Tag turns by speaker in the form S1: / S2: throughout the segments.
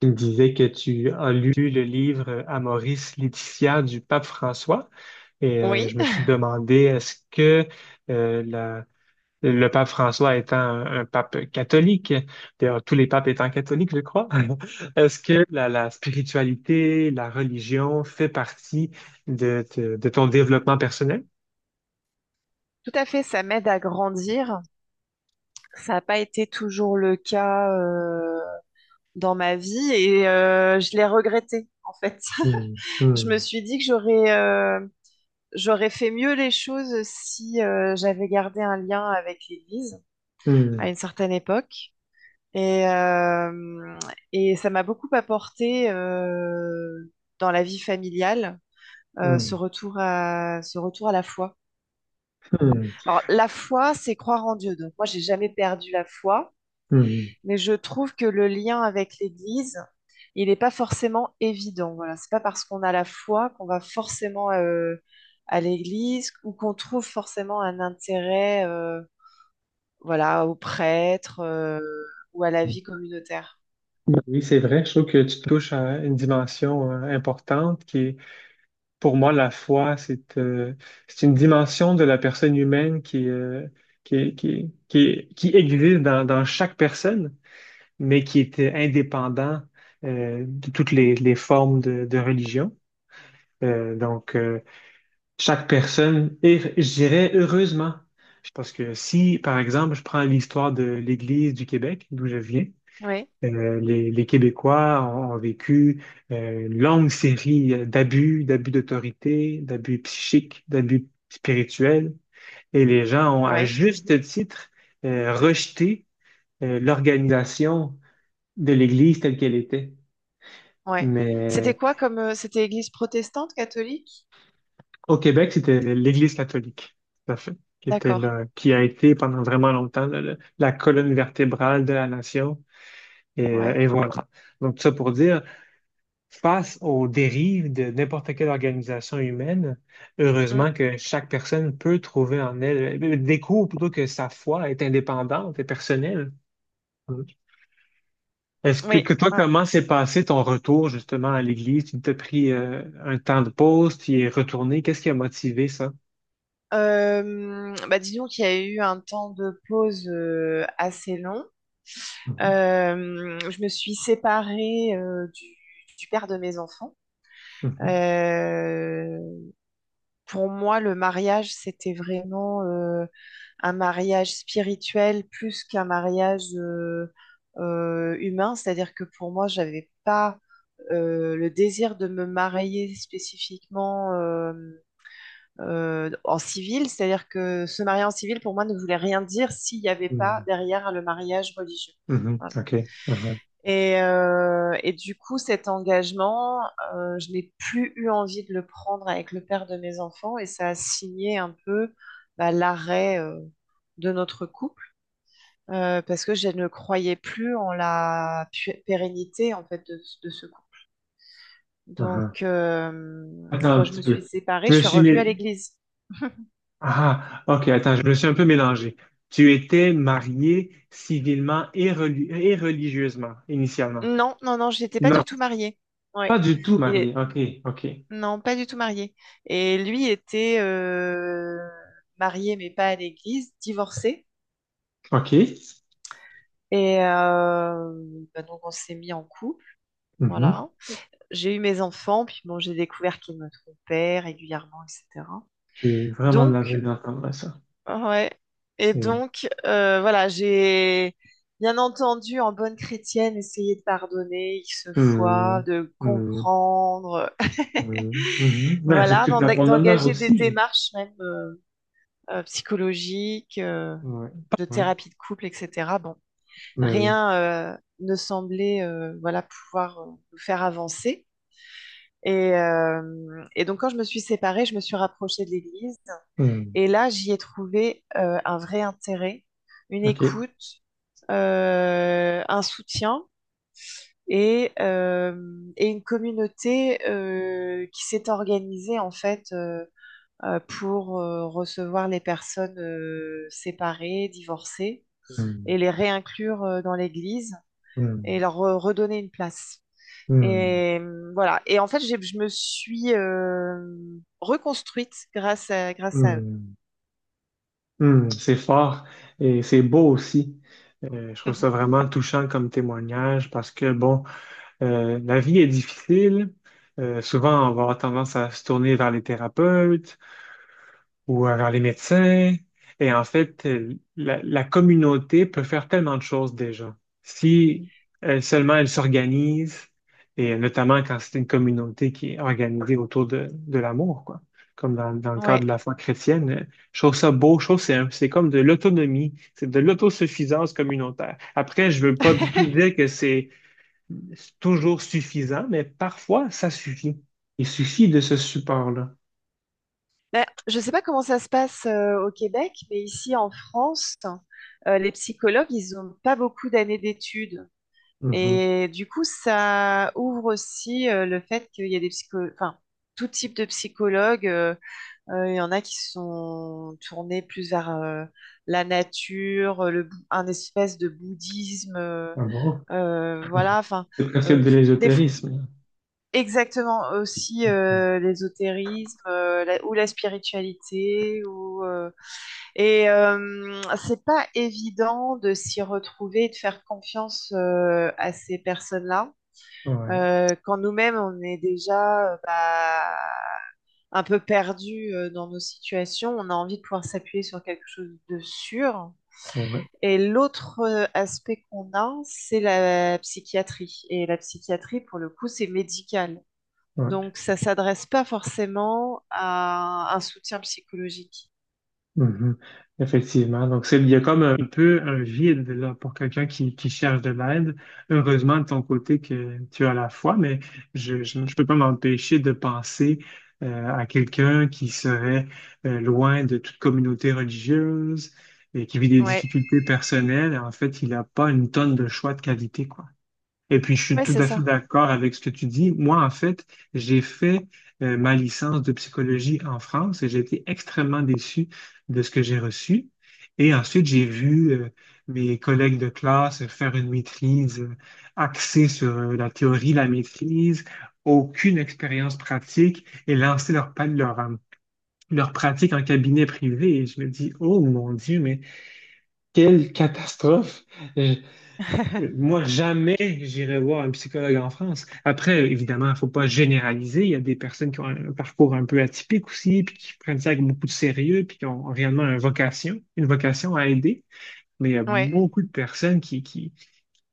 S1: Tu me disais que tu as lu le livre Amoris Laetitia du pape François et
S2: Oui,
S1: je me suis demandé est-ce que euh, la- le pape François étant un pape catholique, d'ailleurs tous les papes étant catholiques, je crois, est-ce que la spiritualité, la religion fait partie de ton développement personnel?
S2: tout à fait, ça m'aide à grandir. Ça n'a pas été toujours le cas, dans ma vie et je l'ai regretté en fait.
S1: Hmm,
S2: Je me
S1: hmm,
S2: suis dit que j'aurais fait mieux les choses si j'avais gardé un lien avec l'Église à
S1: hmm,
S2: une certaine époque et euh, et ça m'a beaucoup apporté dans la vie familiale. Ce retour à la foi.
S1: hmm,
S2: Alors la foi, c'est croire en Dieu. Donc moi, j'ai jamais perdu la foi.
S1: hmm,
S2: Mais je trouve que le lien avec l'Église, il n'est pas forcément évident. Voilà, c'est pas parce qu'on a la foi qu'on va forcément à l'Église ou qu'on trouve forcément un intérêt, voilà, aux prêtres ou à la
S1: hmm.
S2: vie communautaire.
S1: Oui, c'est vrai. Je trouve que tu touches à une dimension importante qui est... Pour moi, la foi, c'est une dimension de la personne humaine qui existe dans chaque personne, mais qui est indépendant de toutes les formes de religion. Euh, donc, euh, chaque personne est, je dirais, heureusement, parce que si, par exemple, je prends l'histoire de l'Église du Québec, d'où je viens,
S2: Oui,
S1: les Québécois ont vécu une longue série d'abus, d'abus d'autorité, d'abus psychiques, d'abus spirituels, et les gens ont à
S2: oui,
S1: juste titre rejeté l'organisation de l'Église telle qu'elle était.
S2: oui. C'était
S1: Mais
S2: quoi comme, c'était Église protestante, catholique?
S1: au Québec, c'était l'Église catholique, tout à fait, qui était
S2: D'accord.
S1: là, qui a été pendant vraiment longtemps là, la colonne vertébrale de la nation.
S2: Ouais.
S1: Et voilà. Donc, ça pour dire. Face aux dérives de n'importe quelle organisation humaine,
S2: Mm.
S1: heureusement que chaque personne peut trouver en elle, découvre plutôt que sa foi est indépendante et personnelle. Mm. Est-ce
S2: Oui.
S1: que toi,
S2: Ouais.
S1: comment s'est passé ton retour justement à l'église? Tu t'es pris un temps de pause, tu y es retourné. Qu'est-ce qui a motivé ça?
S2: Bah disons qu'il y a eu un temps de pause assez long.
S1: Mhm,
S2: Je me suis séparée du père de mes enfants.
S1: mhm,
S2: Euh, pour moi, le mariage, c'était vraiment un mariage spirituel plus qu'un mariage humain. C'est-à-dire que pour moi, j'avais pas le désir de me marier spécifiquement en civil. C'est-à-dire que se marier en civil, pour moi, ne voulait rien dire s'il n'y avait pas
S1: mhm,
S2: derrière le mariage religieux.
S1: mhm,
S2: Voilà.
S1: OK. Aha,
S2: Et du coup, cet engagement, je n'ai plus eu envie de le prendre avec le père de mes enfants et ça a signé un peu bah, l'arrêt de notre couple parce que je ne croyais plus en la pérennité en fait de ce couple.
S1: aha.
S2: Donc,
S1: Attends un
S2: quand je
S1: petit
S2: me suis
S1: peu.
S2: séparée,
S1: Je
S2: je
S1: me
S2: suis
S1: suis
S2: revenue à
S1: mis...
S2: l'église.
S1: Ah, ok, attends, je me suis un peu mélangé. Tu étais marié civilement et, et religieusement, initialement.
S2: Non, non, non, je n'étais pas
S1: Non,
S2: du tout mariée.
S1: pas
S2: Ouais.
S1: du tout
S2: Il
S1: marié.
S2: est-
S1: OK, OK,
S2: Non, pas du tout marié. Et lui était marié, mais pas à l'église, divorcé.
S1: OK.
S2: Et bah donc on s'est mis en couple,
S1: Mhm.
S2: voilà. J'ai eu mes enfants, puis bon, j'ai découvert qu'il me trompait régulièrement, etc.
S1: J'ai vraiment de la
S2: Donc,
S1: veine d'entendre ça.
S2: ouais. Et
S1: C'est...
S2: donc, voilà, j'ai bien entendu, en bonne chrétienne, essayé de pardonner X fois,
S1: Hmm,
S2: de
S1: hmm,
S2: comprendre,
S1: hmm, mhm. Ben, c'est
S2: voilà,
S1: toute la promenade
S2: d'engager des
S1: aussi.
S2: démarches même. Psychologiques,
S1: Ouais,
S2: de
S1: ouais,
S2: thérapie de couple, etc. Bon,
S1: ben oui.
S2: rien ne semblait, voilà, pouvoir nous faire avancer. Et donc, quand je me suis séparée, je me suis rapprochée de l'Église.
S1: Hmm,
S2: Et là, j'y ai trouvé un vrai intérêt, une
S1: OK.
S2: écoute, un soutien et, euh, et une communauté qui s'est organisée, en fait, pour recevoir les personnes séparées, divorcées,
S1: Hmm,
S2: et les réinclure dans l'Église et
S1: hmm,
S2: leur redonner une place.
S1: hmm,
S2: Et voilà. Et en fait, je me suis reconstruite grâce
S1: hmm,
S2: à eux.
S1: hmm. Hmm, c'est fort et c'est beau aussi. Je trouve ça vraiment touchant comme témoignage parce que, bon, la vie est difficile. Souvent, on va avoir tendance à se tourner vers les thérapeutes ou vers les médecins. Et en fait, la communauté peut faire tellement de choses déjà. Si seulement elle s'organise, et notamment quand c'est une communauté qui est organisée autour de l'amour, quoi. Comme dans le cadre
S2: Ouais.
S1: de la foi chrétienne, je trouve ça beau, je trouve que c'est comme de l'autonomie, c'est de l'autosuffisance communautaire. Après, je veux pas du tout dire que c'est toujours suffisant, mais parfois ça suffit. Il suffit de ce support-là.
S2: Ben, je ne sais pas comment ça se passe au Québec, mais ici en France, les psychologues, ils n'ont pas beaucoup d'années d'études.
S1: Mhm.
S2: Et du coup, ça ouvre aussi le fait qu'il y a des psychologues, enfin, tout type de psychologues. Il y en a qui sont tournés plus vers la nature, un espèce de bouddhisme.
S1: Ah bon? Mhm.
S2: Voilà, enfin,
S1: C'est presque
S2: euh,
S1: de
S2: des fo-
S1: l'ésotérisme.
S2: exactement aussi
S1: Mhm.
S2: l'ésotérisme euh, ou la spiritualité. Ou, et c'est pas évident de s'y retrouver et de faire confiance à ces personnes-là
S1: Ouais,
S2: quand nous-mêmes on est déjà bah, un peu perdu dans nos situations, on a envie de pouvoir s'appuyer sur quelque chose de sûr.
S1: ouais,
S2: Et l'autre aspect qu'on a, c'est la psychiatrie. Et la psychiatrie, pour le coup, c'est médical.
S1: ouais.
S2: Donc ça s'adresse pas forcément à un soutien psychologique.
S1: Mhm. Effectivement. Donc, c'est, il y a comme un peu un vide là, pour quelqu'un qui cherche de l'aide. Heureusement, de ton côté, que tu as la foi, mais je peux pas m'empêcher de penser à quelqu'un qui serait loin de toute communauté religieuse et qui vit des
S2: Ouais,
S1: difficultés personnelles. En fait, il n'a pas une tonne de choix de qualité, quoi. Et puis, je suis
S2: ouais,
S1: tout
S2: c'est
S1: à fait
S2: ça.
S1: d'accord avec ce que tu dis. Moi, en fait, j'ai fait ma licence de psychologie en France et j'ai été extrêmement déçu de ce que j'ai reçu. Et ensuite, j'ai vu mes collègues de classe faire une maîtrise axée sur la théorie, la maîtrise, aucune expérience pratique et lancer leur pratique en cabinet privé. Et je me dis, oh mon Dieu, mais quelle catastrophe! Moi, jamais j'irai voir un psychologue en France. Après, évidemment, il faut pas généraliser. Il y a des personnes qui ont un parcours un peu atypique aussi, puis qui prennent ça avec beaucoup de sérieux, puis qui ont réellement une vocation à aider. Mais il y a
S2: Ouais.
S1: beaucoup de personnes qui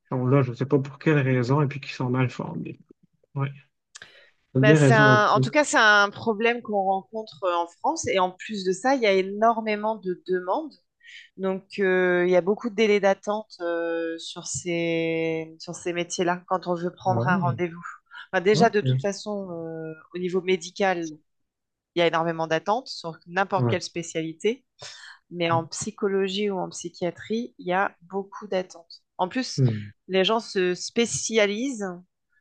S1: sont là, je ne sais pas pour quelle raison, et puis qui sont mal formées. Oui, tu as
S2: Bah,
S1: bien raison
S2: en
S1: là-dessus.
S2: tout cas, c'est un problème qu'on rencontre en France. Et en plus de ça, il y a énormément de demandes. Donc, il y a beaucoup de délais d'attente sur sur ces métiers-là quand on veut
S1: Ah
S2: prendre un
S1: ouais,
S2: rendez-vous. Enfin,
S1: ok,
S2: déjà, de toute
S1: ouais,
S2: façon, au niveau médical, il y a énormément d'attentes sur n'importe quelle
S1: ouais,
S2: spécialité, mais
S1: ouais.
S2: en psychologie ou en psychiatrie, il y a beaucoup d'attentes. En plus,
S1: Hmm.
S2: les gens se spécialisent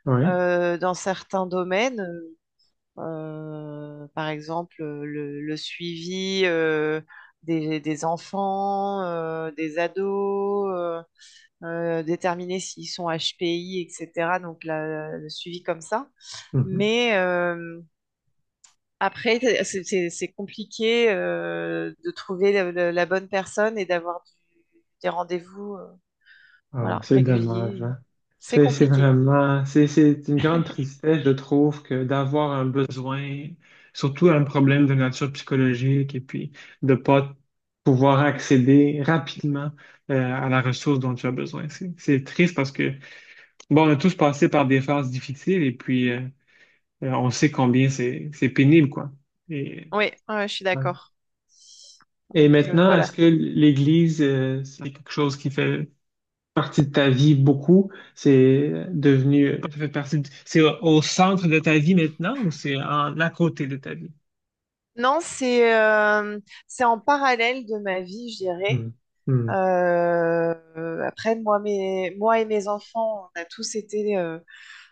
S1: Ouais.
S2: dans certains domaines. Par exemple, le suivi des enfants, des ados, déterminer s'ils sont HPI, etc. Donc, le suivi comme ça.
S1: Mhm.
S2: Mais après, c'est compliqué de trouver la bonne personne et d'avoir des rendez-vous
S1: Ah,
S2: voilà,
S1: c'est dommage,
S2: réguliers.
S1: hein.
S2: C'est
S1: C'est
S2: compliqué.
S1: vraiment, c'est une grande tristesse, je trouve, que d'avoir un besoin, surtout un problème de nature psychologique, et puis de pas pouvoir accéder rapidement à la ressource dont tu as besoin. C'est triste parce que, bon, on a tous passé par des phases difficiles, et puis on sait combien c'est pénible, quoi. Et,
S2: Oui, ouais, ouais, je suis
S1: ouais.
S2: d'accord.
S1: Et
S2: Donc,
S1: maintenant,
S2: voilà.
S1: est-ce que l'Église, c'est quelque chose qui fait partie de ta vie beaucoup. C'est devenu, ça fait partie de- c'est au au centre de ta vie maintenant ou c'est en à côté de ta vie?
S2: Non, c'est en parallèle de ma vie, je dirais.
S1: Mhm. Mhm.
S2: Après, moi et mes enfants, on a tous été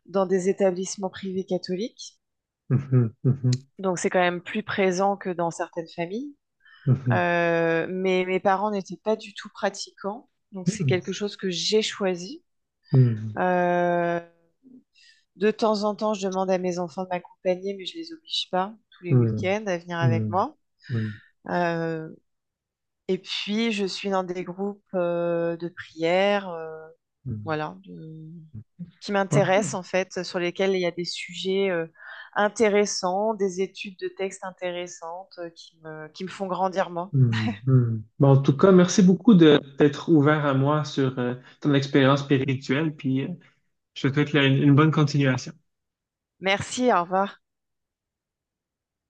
S2: dans des établissements privés catholiques,
S1: Mhm.
S2: donc c'est quand même plus présent que dans certaines familles.
S1: Mhm.
S2: Mais mes parents n'étaient pas du tout pratiquants, donc c'est
S1: Mhm.
S2: quelque chose que j'ai choisi.
S1: Mhm.
S2: Euh, de temps en temps, je demande à mes enfants de m'accompagner, mais je les oblige pas tous les
S1: Mhm.
S2: week-ends à venir avec
S1: Mhm.
S2: moi.
S1: Mhm.
S2: Euh, Et puis, je suis dans des groupes de prière,
S1: Mhm.
S2: voilà, qui m'intéressent
S1: OK.
S2: en fait, sur lesquels il y a des sujets intéressants, des études de textes intéressantes qui me font grandir moi.
S1: Mhm. Mhm. Bon, en tout cas, merci beaucoup de t'être ouvert à moi sur ton expérience spirituelle, puis je te souhaite là, une bonne continuation.
S2: Merci, au revoir.